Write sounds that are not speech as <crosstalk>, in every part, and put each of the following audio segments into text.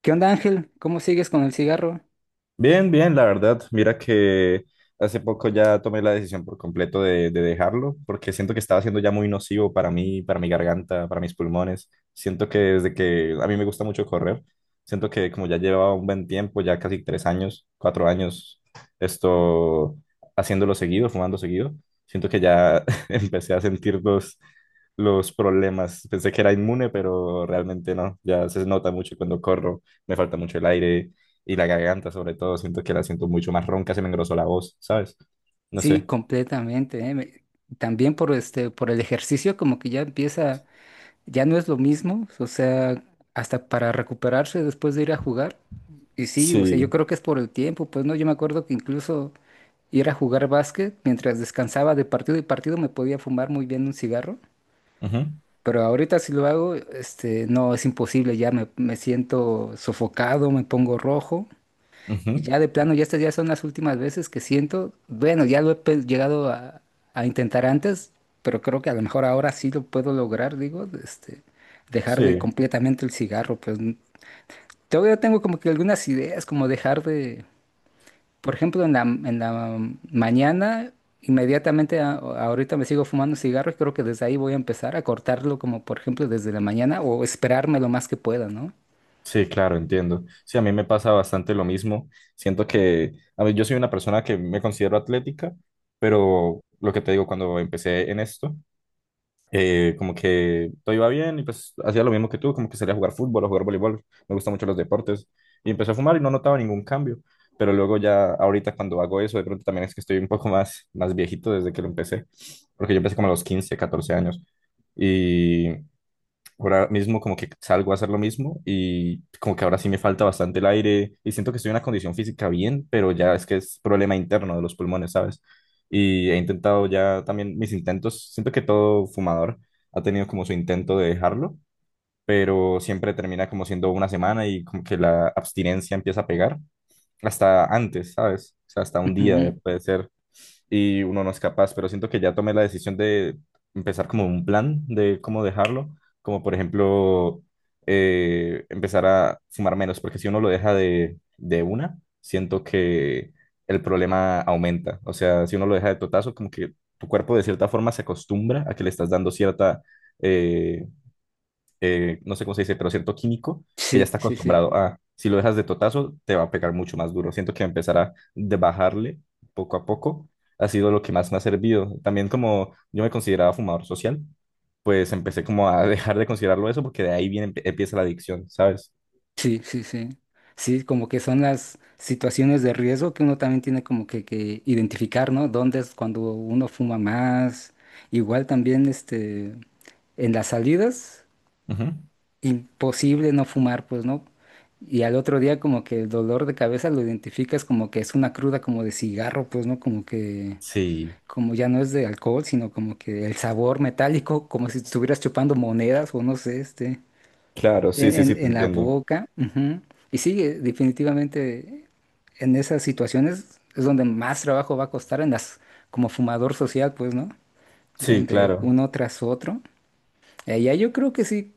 ¿Qué onda, Ángel? ¿Cómo sigues con el cigarro? Bien, bien, la verdad. Mira que hace poco ya tomé la decisión por completo de dejarlo, porque siento que estaba siendo ya muy nocivo para mí, para mi garganta, para mis pulmones. Siento que desde que a mí me gusta mucho correr, siento que como ya llevaba un buen tiempo, ya casi 3 años, 4 años, esto haciéndolo seguido, fumando seguido, siento que ya <laughs> empecé a sentir los problemas. Pensé que era inmune, pero realmente no. Ya se nota mucho cuando corro, me falta mucho el aire y la garganta, sobre todo, siento que la siento mucho más ronca, se me engrosó la voz, ¿sabes? No Sí, sé. completamente, ¿eh? También por por el ejercicio, como que ya empieza, ya no es lo mismo, o sea, hasta para recuperarse después de ir a jugar. Y sí, o sea, yo Sí. creo que es por el tiempo, pues no, yo me acuerdo que incluso ir a jugar básquet, mientras descansaba de partido y partido, me podía fumar muy bien un cigarro. Ujú, Pero ahorita si lo hago, no, es imposible, me siento sofocado, me pongo rojo. Y ujú. ya de plano, ya estas ya son las últimas veces que siento. Bueno, ya lo he llegado a intentar antes, pero creo que a lo mejor ahora sí lo puedo lograr, digo, dejar de Sí, completamente el cigarro. Todavía tengo como que algunas ideas, como dejar de, por ejemplo, en la mañana, inmediatamente ahorita me sigo fumando cigarro y creo que desde ahí voy a empezar a cortarlo, como por ejemplo desde la mañana o esperarme lo más que pueda, ¿no? sí, claro, entiendo. Sí, a mí me pasa bastante lo mismo. Siento que, a ver, yo soy una persona que me considero atlética, pero lo que te digo, cuando empecé en esto, como que todo iba bien y pues hacía lo mismo que tú, como que salía a jugar fútbol o jugar voleibol, me gustan mucho los deportes y empecé a fumar y no notaba ningún cambio, pero luego ya ahorita cuando hago eso de pronto también es que estoy un poco más viejito desde que lo empecé, porque yo empecé como a los 15 14 años y ahora mismo como que salgo a hacer lo mismo y como que ahora sí me falta bastante el aire y siento que estoy en una condición física bien, pero ya es que es problema interno de los pulmones, ¿sabes? Y he intentado ya también mis intentos, siento que todo fumador ha tenido como su intento de dejarlo, pero siempre termina como siendo una semana y como que la abstinencia empieza a pegar hasta antes, ¿sabes? O sea, hasta un día Ujú. puede ser y uno no es capaz, pero siento que ya tomé la decisión de empezar como un plan de cómo dejarlo, como por ejemplo empezar a fumar menos, porque si uno lo deja de una, siento que el problema aumenta, o sea, si uno lo deja de totazo, como que tu cuerpo de cierta forma se acostumbra a que le estás dando cierta... eh, no sé cómo se dice, pero cierto químico que ya Sí, está sí, sí. acostumbrado a, si lo dejas de totazo, te va a pegar mucho más duro. Siento que empezar a de bajarle poco a poco ha sido lo que más me ha servido. También como yo me consideraba fumador social, pues empecé como a <laughs> dejar de considerarlo eso porque de ahí viene, empieza la adicción, ¿sabes? Sí, sí, sí. Sí, como que son las situaciones de riesgo que uno también tiene como que identificar, ¿no? ¿Dónde es cuando uno fuma más? Igual también, en las salidas, Ujú. imposible no fumar, pues, ¿no? Y al otro día como que el dolor de cabeza lo identificas como que es una cruda como de cigarro, pues, ¿no? Sí, Como ya no es de alcohol, sino como que el sabor metálico, como si estuvieras chupando monedas o no sé, este. claro, sí, En, sí, sí, te en la entiendo. boca. Ujú. Y sí, definitivamente en esas situaciones es donde más trabajo va a costar en las, como fumador social, pues, ¿no? Sí, Donde claro, uno tras otro. Ya yo creo que sí,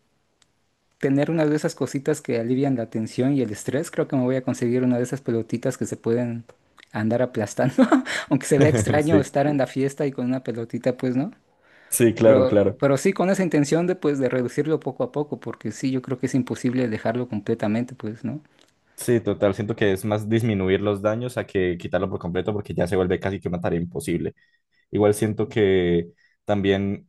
tener una de esas cositas que alivian la tensión y el estrés, creo que me voy a conseguir una de esas pelotitas que se pueden andar aplastando, <laughs> aunque se vea <laughs> extraño sí, estar en la fiesta y con una pelotita, pues, ¿no? sí, claro, claro. Pero sí con esa intención de, pues, de reducirlo poco a poco, porque sí, yo creo que es imposible dejarlo completamente, pues, ¿no? Sí, total, siento que es más disminuir los daños a que quitarlo por completo porque ya se vuelve casi que una tarea imposible. Igual siento que también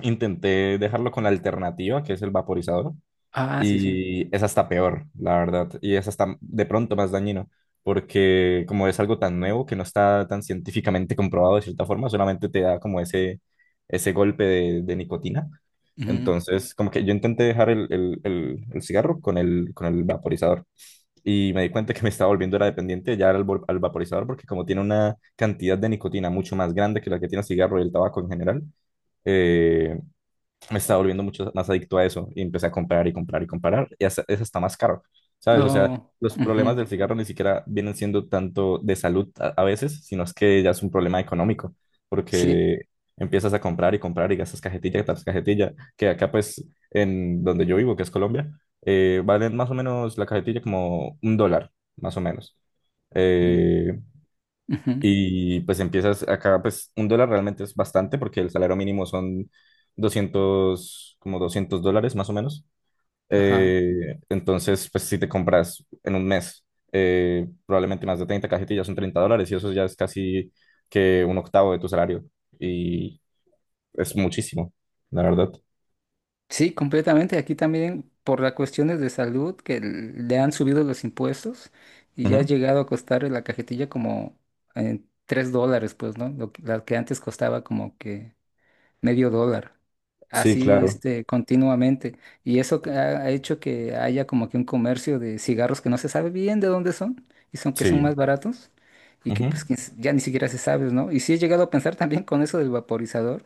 intenté dejarlo con la alternativa, que es el vaporizador, Ah, sí, sí. y es hasta peor, la verdad, y es hasta de pronto más dañino, porque como es algo tan nuevo que no está tan científicamente comprobado de cierta forma, solamente te da como ese golpe de nicotina. Ujú. Entonces, como que yo intenté dejar el cigarro con el vaporizador y me di cuenta que me estaba volviendo era dependiente ya al vaporizador porque como tiene una cantidad de nicotina mucho más grande que la que tiene el cigarro y el tabaco en general, eh, me estaba volviendo mucho más adicto a eso y empecé a comprar y comprar y comprar y hasta, es hasta más caro, ¿sabes? O sea, Oh, los problemas ujú. del cigarro ni siquiera vienen siendo tanto de salud a veces, sino es que ya es un problema económico, Sí. porque empiezas a comprar y comprar y gastas cajetilla tras cajetilla, que acá pues en donde yo vivo, que es Colombia, valen más o menos la cajetilla como $1, más o menos. Mm, Eh, ujú. y pues empiezas acá, pues $1 realmente es bastante porque el salario mínimo son 200 como $200 más o menos. Ajá. Entonces, pues si te compras en un mes probablemente más de 30 cajetillas son $30 y eso ya es casi que un octavo de tu salario. Y es muchísimo, la verdad. Sí, completamente. Aquí también por las cuestiones de salud que le han subido los impuestos y ya ha Ujú. llegado a costar la cajetilla como $3, pues, ¿no? Lo, la que antes costaba como que medio dólar, Sí, así claro. este, continuamente. Y eso que ha hecho que haya como que un comercio de cigarros que no se sabe bien de dónde son y son más Sí. baratos y que Ujú. pues ya ni siquiera se sabe, ¿no? Y sí he llegado a pensar también con eso del vaporizador.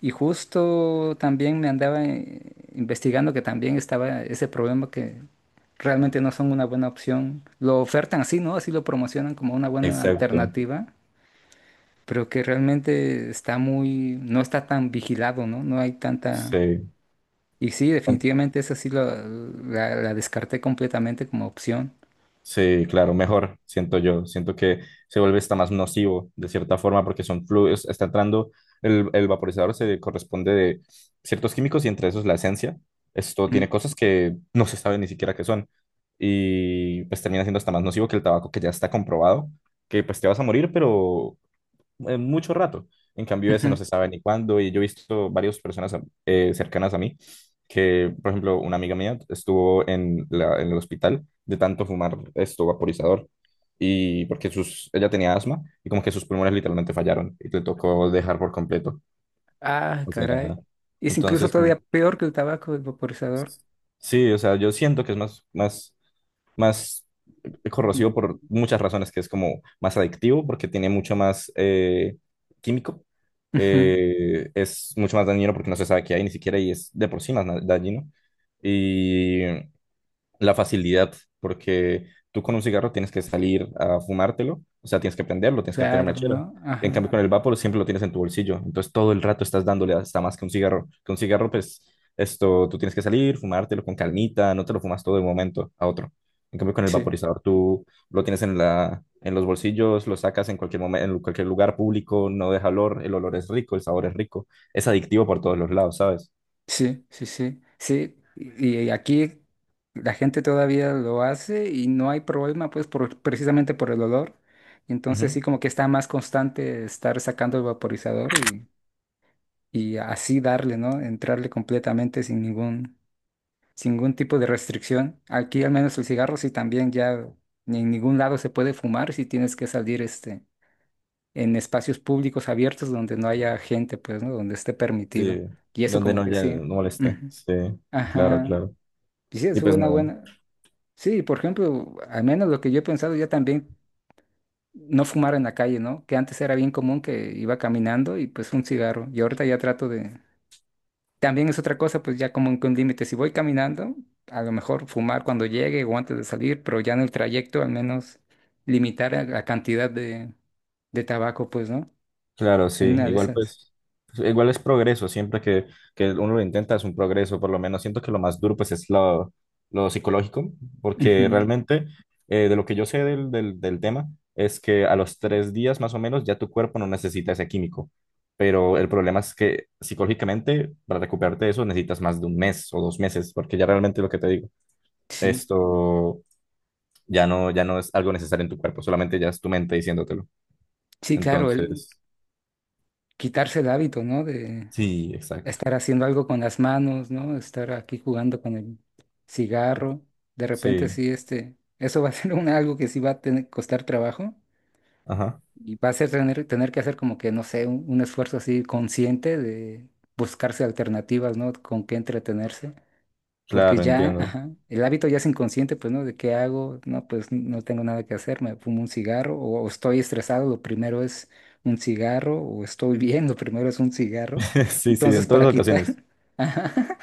Y justo también me andaba investigando que también estaba ese problema que realmente no son una buena opción. Lo ofertan así, ¿no? Así lo promocionan como una buena Exacto. alternativa, pero que realmente está muy, no está tan vigilado, ¿no? No hay tanta... Sí. Y sí, definitivamente esa sí la descarté completamente como opción. Sí, claro, mejor, siento yo. Siento que se vuelve hasta más nocivo de cierta forma porque son fluidos, está entrando, el vaporizador se corresponde de ciertos químicos y entre esos la esencia. Esto Mm, tiene cosas que no se sabe ni siquiera qué son y pues termina siendo hasta más nocivo que el tabaco que ya está comprobado, que pues te vas a morir, pero mucho rato. En cambio, ese no ujú. se sabe ni cuándo. Y yo he visto varias personas cercanas a mí que, por ejemplo, una amiga mía estuvo en el hospital de tanto fumar esto vaporizador. Y porque ella tenía asma y como que sus pulmones literalmente fallaron y le tocó dejar por completo. Ah, O sea, caray. Es incluso entonces, como, todavía peor que el tabaco del vaporizador. sí, o sea, yo siento que es más, más, más es Mm, corrosivo por muchas razones, que es como más adictivo porque tiene mucho más químico, ujú. Es mucho más dañino porque no se sabe qué hay ni siquiera y es de por sí más dañino. Y la facilidad, porque tú con un cigarro tienes que salir a fumártelo, o sea, tienes que prenderlo, tienes que tener Claro, mechera. ¿no? En Ajá. cambio, con el vapor siempre lo tienes en tu bolsillo, entonces todo el rato estás dándole hasta más que un cigarro. Con un cigarro, pues, tú tienes que salir, fumártelo con calmita, no te lo fumas todo de un momento a otro. En cambio, con el Sí. vaporizador tú lo tienes en la, en los bolsillos, lo sacas en cualquier momento, en cualquier lugar público, no deja olor, el olor es rico, el sabor es rico, es adictivo por todos los lados, ¿sabes? Sí, sí, sí, sí. Y aquí la gente todavía lo hace y no hay problema, pues, por, precisamente por el olor. Entonces Ujú. sí, como que está más constante estar sacando el vaporizador y así darle, ¿no? Entrarle completamente sin ningún, sin ningún tipo de restricción. Aquí al menos el cigarro sí también ya ni en ningún lado se puede fumar si tienes que salir en espacios públicos abiertos donde no haya gente, pues, ¿no? Donde esté Sí, permitido. Y eso donde como no, que ya sí. no moleste. Ujú. Sí, claro, Ajá. claro. Y sí, Y es pues una nada, buena. Sí, por ejemplo, al menos lo que yo he pensado, ya también no fumar en la calle, ¿no? Que antes era bien común que iba caminando y pues un cigarro. Y ahorita ya trato de. También es otra cosa, pues ya como que un límite. Si voy caminando, a lo mejor fumar cuando llegue o antes de salir, pero ya en el trayecto al menos limitar la cantidad de tabaco, pues, ¿no? claro, sí. En una de Igual esas. pues, igual es progreso. Siempre que uno lo intenta es un progreso. Por lo menos siento que lo más duro pues es lo psicológico, porque Ujú. realmente de lo que yo sé del tema es que a los 3 días más o menos ya tu cuerpo no necesita ese químico. Pero el problema es que psicológicamente para recuperarte de eso necesitas más de un mes o 2 meses, porque ya realmente lo que te digo, Sí, esto... ya no, ya no es algo necesario en tu cuerpo, solamente ya es tu mente diciéndotelo. sí, claro, el Entonces, quitarse el hábito, ¿no? sí, exacto. Estar haciendo algo con las manos, ¿no? Estar aquí jugando con el cigarro. De repente Sí, sí, eso va a <laughs> ser algo que sí va a tener, costar trabajo ajá, y va a ser tener, tener que hacer como que, no sé, un esfuerzo así consciente de buscarse alternativas, ¿no? Con qué entretenerse. Porque claro, ya, entiendo. ajá, el hábito ya es inconsciente, pues, ¿no? ¿De qué hago? No, pues no tengo nada que hacer, me fumo un cigarro o estoy estresado, lo primero es un cigarro o estoy bien, lo primero es un cigarro. <laughs> Sí, sí, Entonces, en para todas quitar, ocasiones. <laughs> ajá,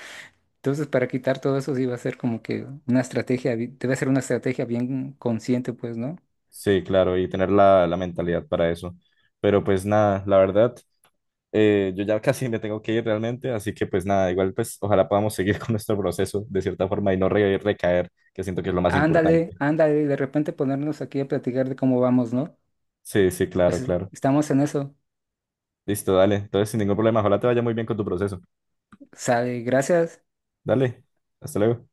entonces para quitar todo eso sí va a ser como que una estrategia, debe ser una estrategia bien consciente, pues, ¿no? Sí, claro, y tener la mentalidad para eso. Pero pues nada, la verdad, yo ya <laughs> casi me tengo que ir realmente, así que pues nada, igual pues ojalá podamos seguir <laughs> con nuestro proceso de cierta forma y no recaer, que siento que es lo más Ándale, importante. ándale, y de repente ponernos aquí a platicar de cómo vamos, ¿no? Sí, sí, claro, Pues claro. estamos en eso. Listo, dale. Entonces, sin ningún problema, ojalá te vaya muy bien con tu proceso. Sale, gracias. Dale, hasta luego.